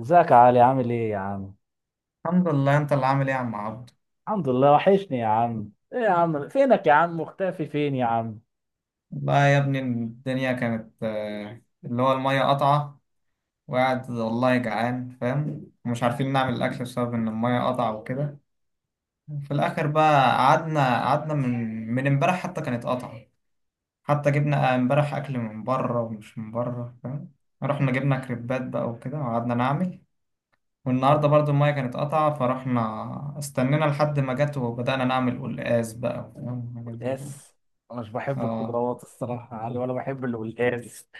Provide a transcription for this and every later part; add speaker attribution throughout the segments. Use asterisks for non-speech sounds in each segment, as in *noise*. Speaker 1: ازيك يا علي عامل ايه يا عم؟
Speaker 2: الحمد لله، انت اللي عامل ايه يا عم عبد؟
Speaker 1: الحمد لله وحشني يا عم، ايه يا عم؟ فينك يا عم؟ مختفي فين يا عم؟
Speaker 2: والله يا ابني الدنيا كانت اللي هو المية قطعة. وقاعد والله جعان فاهم ومش عارفين نعمل الاكل بسبب ان المية قطعة وكده. في الاخر بقى قعدنا قعدنا من امبارح حتى كانت قطعة. حتى جبنا امبارح اكل من بره ومش من بره فاهم. رحنا جبنا كريبات بقى وكده وقعدنا نعمل. والنهارده برضو المية كانت قطعة فرحنا استنينا لحد ما جت وبدأنا نعمل قلقاس بقى وفاهم حاجات زي كده.
Speaker 1: قلقاس، انا مش بحب
Speaker 2: اه.
Speaker 1: الخضروات الصراحة يا علي ولا بحب القلقاس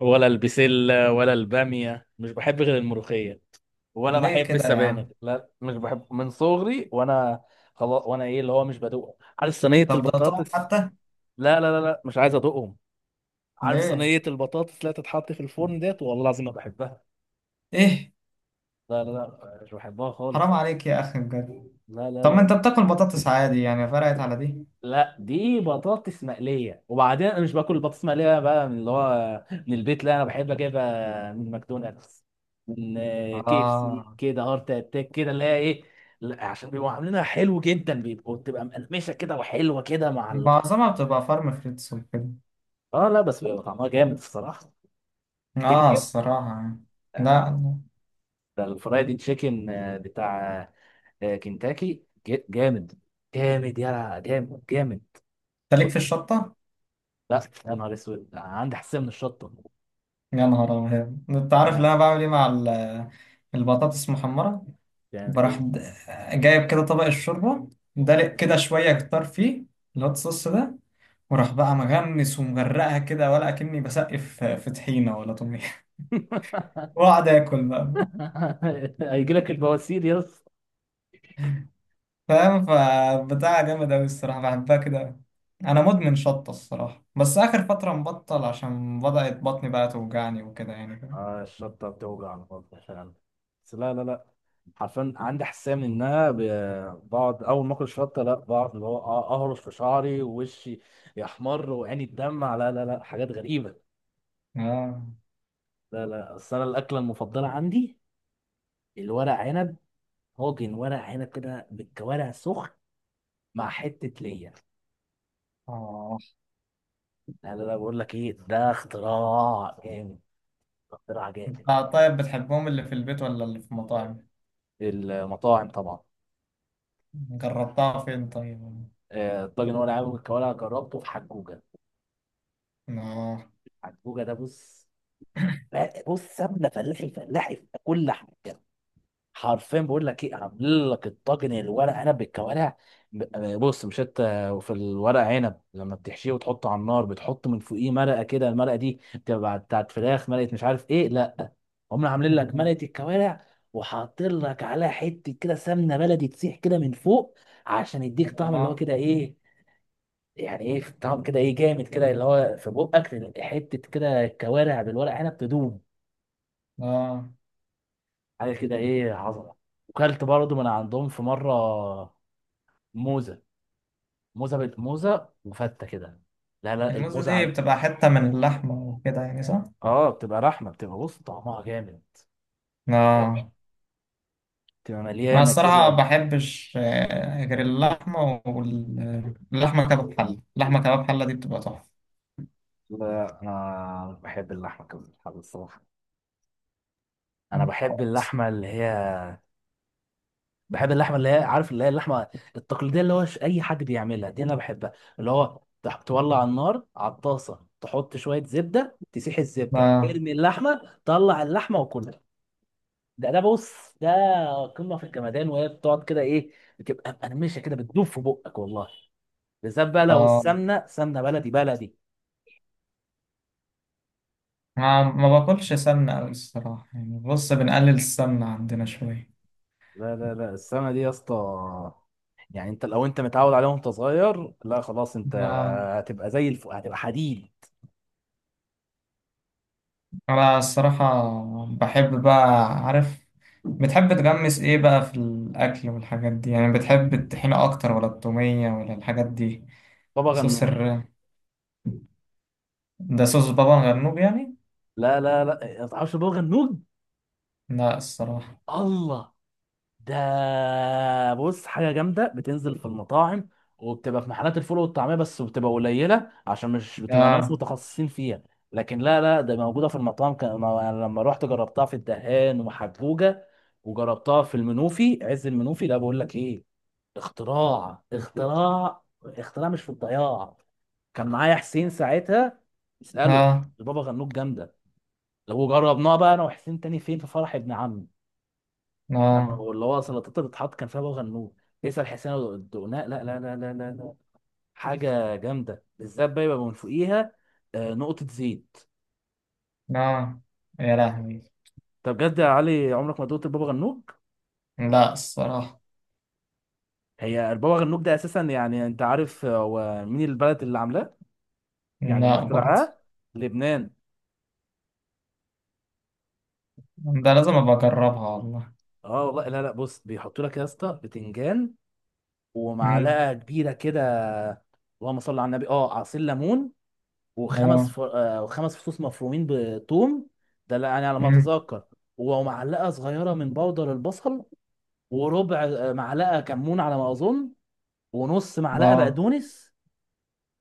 Speaker 1: ولا البسلة ولا البامية، مش بحب غير الملوخية، ولا
Speaker 2: ليه
Speaker 1: بحب
Speaker 2: كده يا
Speaker 1: السبانخ،
Speaker 2: عم؟
Speaker 1: لا مش بحب من صغري وانا خلاص. وانا ايه اللي هو مش بدوقهم. عارف صينية
Speaker 2: طب ده طعم
Speaker 1: البطاطس؟
Speaker 2: حتى.
Speaker 1: لا مش عايز ادوقهم. عارف
Speaker 2: ليه؟
Speaker 1: صينية البطاطس لا تتحط في الفرن ديت؟ والله العظيم ما بحبها.
Speaker 2: ايه؟
Speaker 1: لا مش بحبها خالص.
Speaker 2: حرام عليك يا اخي بجد.
Speaker 1: لا لا
Speaker 2: طب ما انت
Speaker 1: لا
Speaker 2: بتاكل بطاطس عادي يعني فرقت على دي.
Speaker 1: لا دي بطاطس مقليه، وبعدين انا مش باكل البطاطس المقليه بقى من اللي هو من البيت. لا، انا بحب اجيبها من ماكدونالدز، من كي اف سي
Speaker 2: اه.
Speaker 1: كده، هارت اتاك كده اللي هي ايه. لا، عشان بيبقوا عاملينها حلو جدا، بيبقوا بتبقى مقرمشه كده وحلوه كده مع ال...
Speaker 2: معظمها بتبقى فارم فريتس وكده.
Speaker 1: اه لا، بس بيبقى طعمها جامد الصراحه.
Speaker 2: اه
Speaker 1: تنكر،
Speaker 2: الصراحة يعني. لا انت.
Speaker 1: ده الفرايدي تشيكن بتاع كنتاكي جامد، جامد يا جامد جامد.
Speaker 2: ليك
Speaker 1: كنت.
Speaker 2: في الشطة.
Speaker 1: لا يا نهار اسود، عندي حساسيه من الشطه.
Speaker 2: يا نهار ابيض، انت عارف اللي
Speaker 1: انا
Speaker 2: انا بعمل ايه مع ال- البطاطس المحمرة؟
Speaker 1: بتعمل
Speaker 2: بروح
Speaker 1: ايه؟
Speaker 2: د- جايب كده طبق الشوربة. دلق كده شوية كتار فيه الهوت صوص ده. وراح بقى مغمس ومغرقها كده ولا اكني بسقف في طحينة ولا طمية *laughs* واقعد اكل بقى.
Speaker 1: *laughs* هيجي لك البواسير يا اسطى.
Speaker 2: فاهم فبتاع جامد أوي الصراحة، بحبها كده أوي. أنا مدمن شطة الصراحة، بس آخر فترة مبطل عشان بدأت بطني بقى توجعني وكده يعني فاهم.
Speaker 1: آه الشطه بتوجع على الفاضي فعلا، بس لا. حرفيا عندي حساسيه منها. بقعد اول ما اكل شطه، لا بقعد اللي هو اهرش في شعري ووشي، يحمر وعيني تدمع. لا حاجات غريبه.
Speaker 2: آه.
Speaker 1: لا بس انا الاكله المفضله عندي الورق عنب، طاجن ورق عنب كده بالكوارع سخن مع حته ليا.
Speaker 2: آه.
Speaker 1: لا بقول لك ايه، ده اختراع جامد، اختراع
Speaker 2: أنت.
Speaker 1: جامد.
Speaker 2: طيب بتحبهم اللي في البيت ولا اللي في المطاعم؟
Speaker 1: المطاعم طبعا.
Speaker 2: جربتها فين طيب؟
Speaker 1: الطاجن هو اللي عامل الكوارع، جربته في حجوجه.
Speaker 2: آه.
Speaker 1: حجوجه ده بص، لا بص، سمنه فلاحي فلاحي في كل حاجه. حرفيا بقول لك ايه، عامل لك الطاجن الورق عنب بالكوارع. بص مش انت في الورق عنب لما بتحشيه وتحطه على النار بتحط من فوقيه مرقه كده؟ المرقه دي بتبقى بتاعت فراخ، مرقه مش عارف ايه، لا. هم عاملين لك مرقه الكوارع، وحاطين لك عليها حته كده سمنه بلدي تسيح كده من فوق، عشان يديك طعم اللي هو
Speaker 2: آه.
Speaker 1: كده ايه، يعني ايه طعم كده ايه جامد كده، اللي هو في بقك حته كده كوارع بالورق عنب تدوم،
Speaker 2: آه.
Speaker 1: حاجه كده ايه عظمه. وكلت برضو من عندهم في مره موزه، موزه بالموزه وفته كده. لا لا
Speaker 2: الموزة
Speaker 1: الموزه
Speaker 2: دي
Speaker 1: عن...
Speaker 2: بتبقى حتة من اللحمة وكده يعني صح؟
Speaker 1: اه بتبقى رحمه، بتبقى بص طعمها جامد جامد.
Speaker 2: آه.
Speaker 1: بتبقى
Speaker 2: أنا
Speaker 1: مليانه
Speaker 2: الصراحة
Speaker 1: كده.
Speaker 2: ما بحبش غير اللحمة، واللحمة كباب حلة. اللحمة كباب حلة دي بتبقى تحفة.
Speaker 1: لا انا بحب اللحمه كده الصراحه. انا بحب
Speaker 2: خالص.
Speaker 1: اللحمه اللي هي، بحب اللحمه اللي هي عارف اللي هي اللحمه التقليديه، اللي هو اي حد بيعملها دي انا بحبها. اللي هو تولع النار على الطاسه، تحط شويه زبده، تسيح الزبده،
Speaker 2: ما.
Speaker 1: ارمي اللحمه، طلع اللحمه وكلها. ده بص، ده قمه في الجمدان. وهي بتقعد كده ايه، بتبقى مقرمشه كده، بتدوب في بقك والله، بالذات بقى لو
Speaker 2: آه.
Speaker 1: السمنه سمنه بلدي بلدي.
Speaker 2: ما باكلش سمنة أوي الصراحة يعني. بص، بنقلل السمنة عندنا شوية.
Speaker 1: لا السمنه دي يا اسطى، يعني انت لو انت متعود عليها وانت صغير، لا خلاص انت
Speaker 2: ما
Speaker 1: هتبقى زي الف... هتبقى حديد.
Speaker 2: أنا الصراحة بحب بقى عارف. بتحب تغمس إيه بقى في الأكل والحاجات دي؟ يعني بتحب الطحينة أكتر ولا التومية ولا الحاجات دي؟
Speaker 1: بابا
Speaker 2: صوص
Speaker 1: غنوج.
Speaker 2: الر. ده صوص بابا غنوج يعني؟
Speaker 1: لا ما تعرفش بابا غنوج؟
Speaker 2: لا الصراحة.
Speaker 1: الله. ده بص حاجه جامده، بتنزل في المطاعم وبتبقى في محلات الفول والطعميه، بس بتبقى قليله عشان مش بتبقى ناس
Speaker 2: لا
Speaker 1: متخصصين فيها. لكن لا لا، ده موجوده في المطاعم. كان ما- لما رحت جربتها في الدهان ومحجوجه، وجربتها في المنوفي عز المنوفي. لا بقول لك ايه، اختراع اختراع اختراع مش في الضياع. كان معايا حسين ساعتها، اساله.
Speaker 2: لا
Speaker 1: البابا غنوج جامده. لو جربناها بقى انا وحسين تاني فين، في فرح ابن عمي،
Speaker 2: لا
Speaker 1: كانوا اللي هو سلطات اللي بتتحط كان فيها بابا غنوج. تسأل حسين لو دقناه. لا، حاجة جامدة، بالذات بقى يبقى من فوقيها نقطة زيت.
Speaker 2: لا. يا لهوي.
Speaker 1: طب بجد يا علي عمرك ما دقت البابا غنوج؟
Speaker 2: لا الصراحة.
Speaker 1: هي البابا غنوج ده اساسا، يعني انت عارف هو مين البلد اللي عاملاه، يعني اللي
Speaker 2: لا برضه.
Speaker 1: مخترعاه؟ لبنان.
Speaker 2: ده لازم أبقى أجربها والله.
Speaker 1: اه والله. لا لا بص، بيحطوا لك يا اسطى بتنجان
Speaker 2: مم.
Speaker 1: ومعلقة كبيرة كده، اللهم صل على النبي، اه عصير ليمون، وخمس
Speaker 2: اه.
Speaker 1: ف... وخمس فصوص مفرومين بثوم. ده لا- يعني على ما
Speaker 2: مم.
Speaker 1: اتذكر. ومعلقه صغيره من بودر البصل، وربع معلقه كمون على ما اظن، ونص معلقه
Speaker 2: لا
Speaker 1: بقدونس،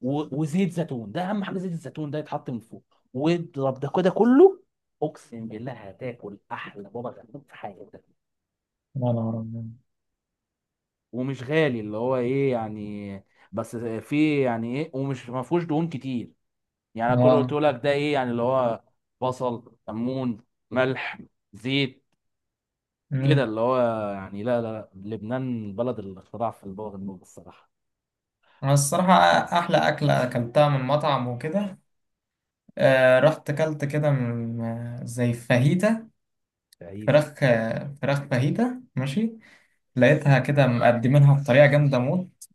Speaker 1: و... وزيت زيتون، ده اهم حاجه زيت الزيتون ده يتحط من فوق. واضرب ده كده كله، اقسم بالله هتاكل احلى بابا غنوج في حياتك.
Speaker 2: لا لا لا
Speaker 1: ومش غالي اللي هو ايه يعني، بس في يعني ايه، ومش ما فيهوش دهون كتير. يعني كل اللي
Speaker 2: لا.
Speaker 1: قلته لك ده ايه، يعني اللي هو بصل، كمون، ملح، زيت كده
Speaker 2: مم.
Speaker 1: اللي هو يعني. لا لبنان بلد الاختراع في البوغ الموج الصراحه.
Speaker 2: انا الصراحه احلى اكله اكلتها من مطعم وكده. آه، رحت اكلت كده من زي فاهيتا.
Speaker 1: بعيد.
Speaker 2: فراخ فراخ فاهيتا ماشي. لقيتها كده مقدمينها بطريقه جامده موت.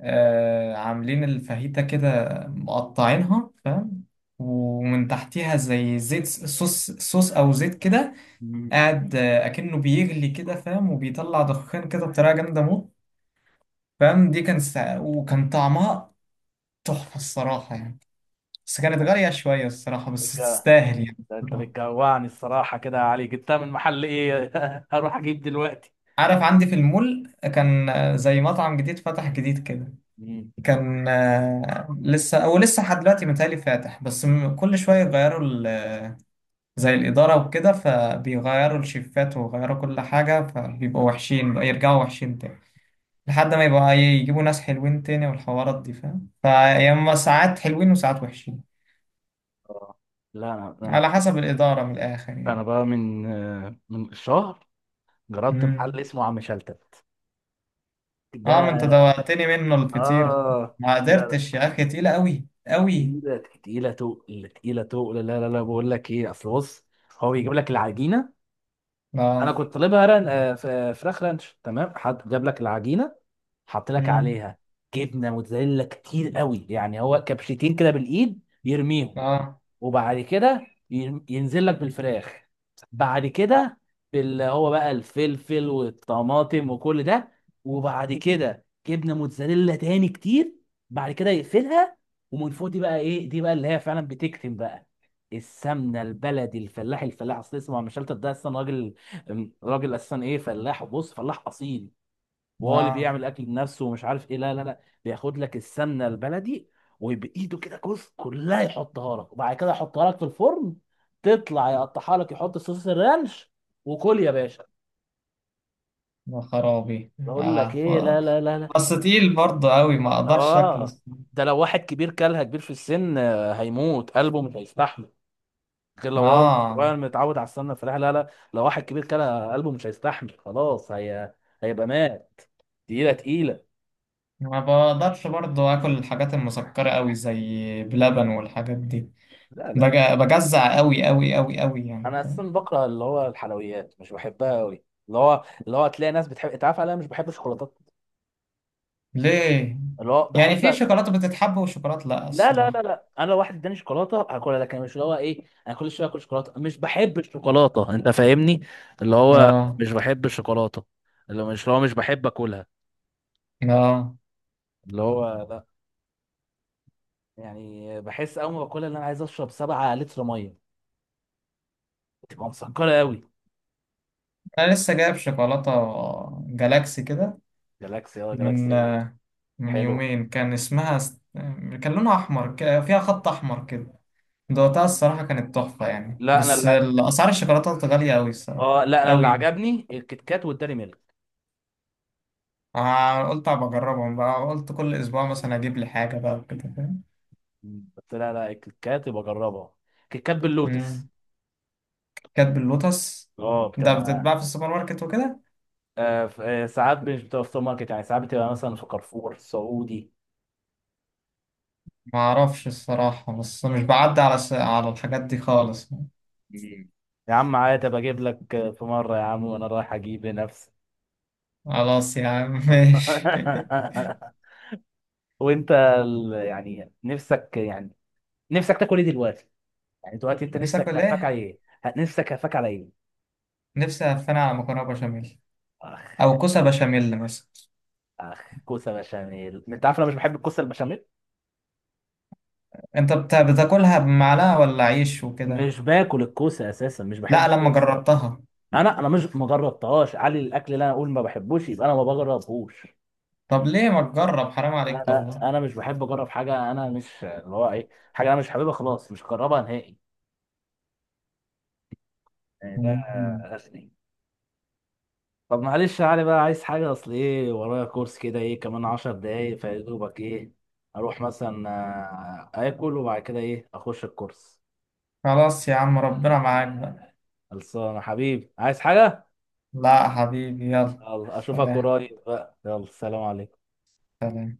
Speaker 2: آه، عاملين الفاهيتا كده مقطعينها فاهم. ومن تحتيها زي زيت صوص صوص او زيت كده.
Speaker 1: مم.
Speaker 2: قاعد اكنه بيغلي كده فاهم، وبيطلع دخان كده بطريقه جامده موت. فاهم، دي كان سا... وكان طعمها تحفة الصراحة يعني. بس كانت غالية شوية الصراحة، بس
Speaker 1: بتجوع.
Speaker 2: تستاهل يعني
Speaker 1: ده انت
Speaker 2: الصراحة.
Speaker 1: بتجوعني الصراحه كده يا علي. جبتها من محل ايه؟ *laughs* هروح اجيب دلوقتي.
Speaker 2: عارف عندي في المول كان زي مطعم جديد فتح جديد كده.
Speaker 1: مم.
Speaker 2: كان لسه او لسه لحد دلوقتي متهيألي فاتح، بس م- كل شوية يغيروا ال... زي الإدارة وكده، فبيغيروا الشيفات ويغيروا كل حاجة، فبيبقوا وحشين بقى يرجعوا وحشين تاني. لحد ما يبقى يجيبوا ناس حلوين تاني والحوارات دي فاهم، فيا إما ساعات حلوين وساعات وحشين.
Speaker 1: آه. لا انا
Speaker 2: على حسب الإدارة من الآخر
Speaker 1: انا
Speaker 2: يعني.
Speaker 1: بقى من من شهر جربت محل
Speaker 2: مم.
Speaker 1: اسمه عم شلتت. ده
Speaker 2: اه، ما انت دوقتني منه الفطير.
Speaker 1: اه،
Speaker 2: ما
Speaker 1: ده
Speaker 2: قدرتش يا اخي، تقيله قوي قوي.
Speaker 1: تقيلة تقيلة تقل تقيلة تقل. لا بقول لك ايه اصل بص، هو بيجيب لك العجينة. انا
Speaker 2: اه.
Speaker 1: كنت طالبها ران... فراخ رانش تمام. حد جاب لك العجينة، حط لك
Speaker 2: مم.
Speaker 1: عليها جبنة موتزاريلا كتير قوي، يعني هو كبشتين كده بالايد بيرميهم.
Speaker 2: اه.
Speaker 1: وبعد كده ينزل لك بالفراخ. بعد كده هو بقى الفلفل والطماطم وكل ده. وبعد كده جبنه موتزاريلا تاني كتير. بعد كده يقفلها. ومن فوق دي بقى ايه، دي بقى اللي هي فعلا بتكتم بقى، السمنه البلدي. الفلاح الفلاح اصل اسمه، مش ده اصلا راجل، راجل اساسا ايه فلاح، وبص فلاح اصيل، وهو اللي
Speaker 2: اه.
Speaker 1: بيعمل اكل بنفسه ومش عارف ايه. لا بياخد لك السمنه البلدي، وبايده كده جزء كلها يحطها لك، وبعد كده يحطها لك في الفرن. تطلع يقطعها لك، يحط صوص الرانش، وكل يا باشا.
Speaker 2: يا خرابي.
Speaker 1: بقول لك
Speaker 2: آه.
Speaker 1: ايه لا.
Speaker 2: ف-. بس تقيل برضه قوي، ما
Speaker 1: اه
Speaker 2: اقدرش اكله.
Speaker 1: آه. ده لو واحد كبير كلها، كبير في السن، هيموت، قلبه مش هيستحمل. غير لو هو
Speaker 2: اه.
Speaker 1: صغير متعود على السمنه الفلاحي. لا لا، لو واحد كبير كلها قلبه مش هيستحمل، خلاص هي هيبقى مات. تقيله تقيله.
Speaker 2: ما بقدرش برضه اكل الحاجات المسكره قوي زي بلبن والحاجات دي.
Speaker 1: لا لا،
Speaker 2: بج- بجزع قوي قوي قوي قوي يعني
Speaker 1: انا اساسا
Speaker 2: فاهم؟
Speaker 1: بكره اللي هو الحلويات، مش بحبها قوي. اللي هو اللي هو تلاقي ناس بتحب، انت عارف انا مش بحب الشوكولاتات.
Speaker 2: ليه؟
Speaker 1: اللي هو
Speaker 2: يعني
Speaker 1: بحب.
Speaker 2: في شوكولاته بتتحب وشوكولاته لا
Speaker 1: لا لا لا
Speaker 2: الصراحه.
Speaker 1: لا انا لو واحد اداني شوكولاته هاكلها، لكن مش اللي هو ايه انا كل شويه اكل شوكولاته. مش بحب الشوكولاته، انت فاهمني؟ اللي هو
Speaker 2: اه.
Speaker 1: مش بحب الشوكولاته. اللي هو مش، اللي هو مش بحب اكلها.
Speaker 2: اه.
Speaker 1: اللي هو لا، يعني بحس اول ما باكلها ان انا عايز اشرب 7 لتر ميه، بتبقى مسكره قوي.
Speaker 2: انا لسه جايب شوكولاته جالاكسي كده.
Speaker 1: جالاكسي، اه
Speaker 2: من
Speaker 1: جالاكسي.
Speaker 2: من
Speaker 1: حلو.
Speaker 2: يومين كان اسمها س-. كان لونها احمر ك- فيها خط احمر كده. دوقتها
Speaker 1: آه.
Speaker 2: الصراحه كانت تحفه يعني،
Speaker 1: لا انا
Speaker 2: بس
Speaker 1: لا.
Speaker 2: اسعار الشوكولاته غاليه قوي الصراحه.
Speaker 1: اه لا انا اللي
Speaker 2: قوي.
Speaker 1: عجبني الكيت كات والداري ميلك.
Speaker 2: قلت ابقى اجربهم بقى، قلت كل اسبوع مثلا اجيب لي حاجه بقى وكده فاهم.
Speaker 1: مم. قلت لها لا الكيكات يبقى جربها، كيكات باللوتس.
Speaker 2: مم. كانت باللوتس.
Speaker 1: اه مم.
Speaker 2: ده
Speaker 1: بتبقى
Speaker 2: بتتباع في السوبر ماركت وكده.
Speaker 1: ساعات مش بتبقى في سوبر ماركت، يعني ساعات بتبقى مثلا في كارفور سعودي.
Speaker 2: ما اعرفش الصراحه، بس مش بعدي على س... على الحاجات دي خالص.
Speaker 1: مم. يا عم عادي ابقى اجيب لك في مره يا عم وانا رايح اجيب لنفسي.
Speaker 2: خلاص يا عم ماشي *laughs*
Speaker 1: *laughs* وانت يعني نفسك، يعني نفسك تاكل ايه دلوقتي؟ يعني دلوقتي انت
Speaker 2: نفسك
Speaker 1: نفسك
Speaker 2: ولا
Speaker 1: هفاك على
Speaker 2: ايه؟
Speaker 1: ايه؟ نفسك هفاك على ايه؟
Speaker 2: نفسي أفنى على مكرونة بشاميل.
Speaker 1: اخ.
Speaker 2: أو كوسة بشاميل مثلا.
Speaker 1: اخ كوسه بشاميل، انت عارف انا مش بحب الكوسه البشاميل؟
Speaker 2: أنت بتا- بتاكلها بمعلقة ولا عيش وكده؟
Speaker 1: مش باكل الكوسه اساسا، مش بحب
Speaker 2: لا لما
Speaker 1: الكوسه.
Speaker 2: جربتها.
Speaker 1: انا مش ما جربتهاش، علي الاكل اللي انا اقول ما بحبوش يبقى انا ما بجربهوش.
Speaker 2: طب ليه ما تجرب؟ حرام
Speaker 1: لا
Speaker 2: عليك
Speaker 1: لا
Speaker 2: والله.
Speaker 1: انا مش بحب اجرب حاجه، انا مش اللي هو ايه، حاجه انا مش حاببها خلاص مش هجربها نهائي. يعني ده
Speaker 2: مم.
Speaker 1: غشني. طب معلش يا علي بقى، عايز حاجه؟ اصل ايه، ورايا كورس كده ايه كمان عشر دقايق، فيا دوبك ايه اروح مثلا اكل وبعد كده ايه اخش الكورس.
Speaker 2: خلاص يا عم ربنا معاك بقى.
Speaker 1: خلصانه حبيبي، عايز حاجه؟
Speaker 2: لا حبيبي يلا.
Speaker 1: يلا، اشوفك
Speaker 2: سلام.
Speaker 1: قريب بقى. يلا سلام عليكم.
Speaker 2: سلام.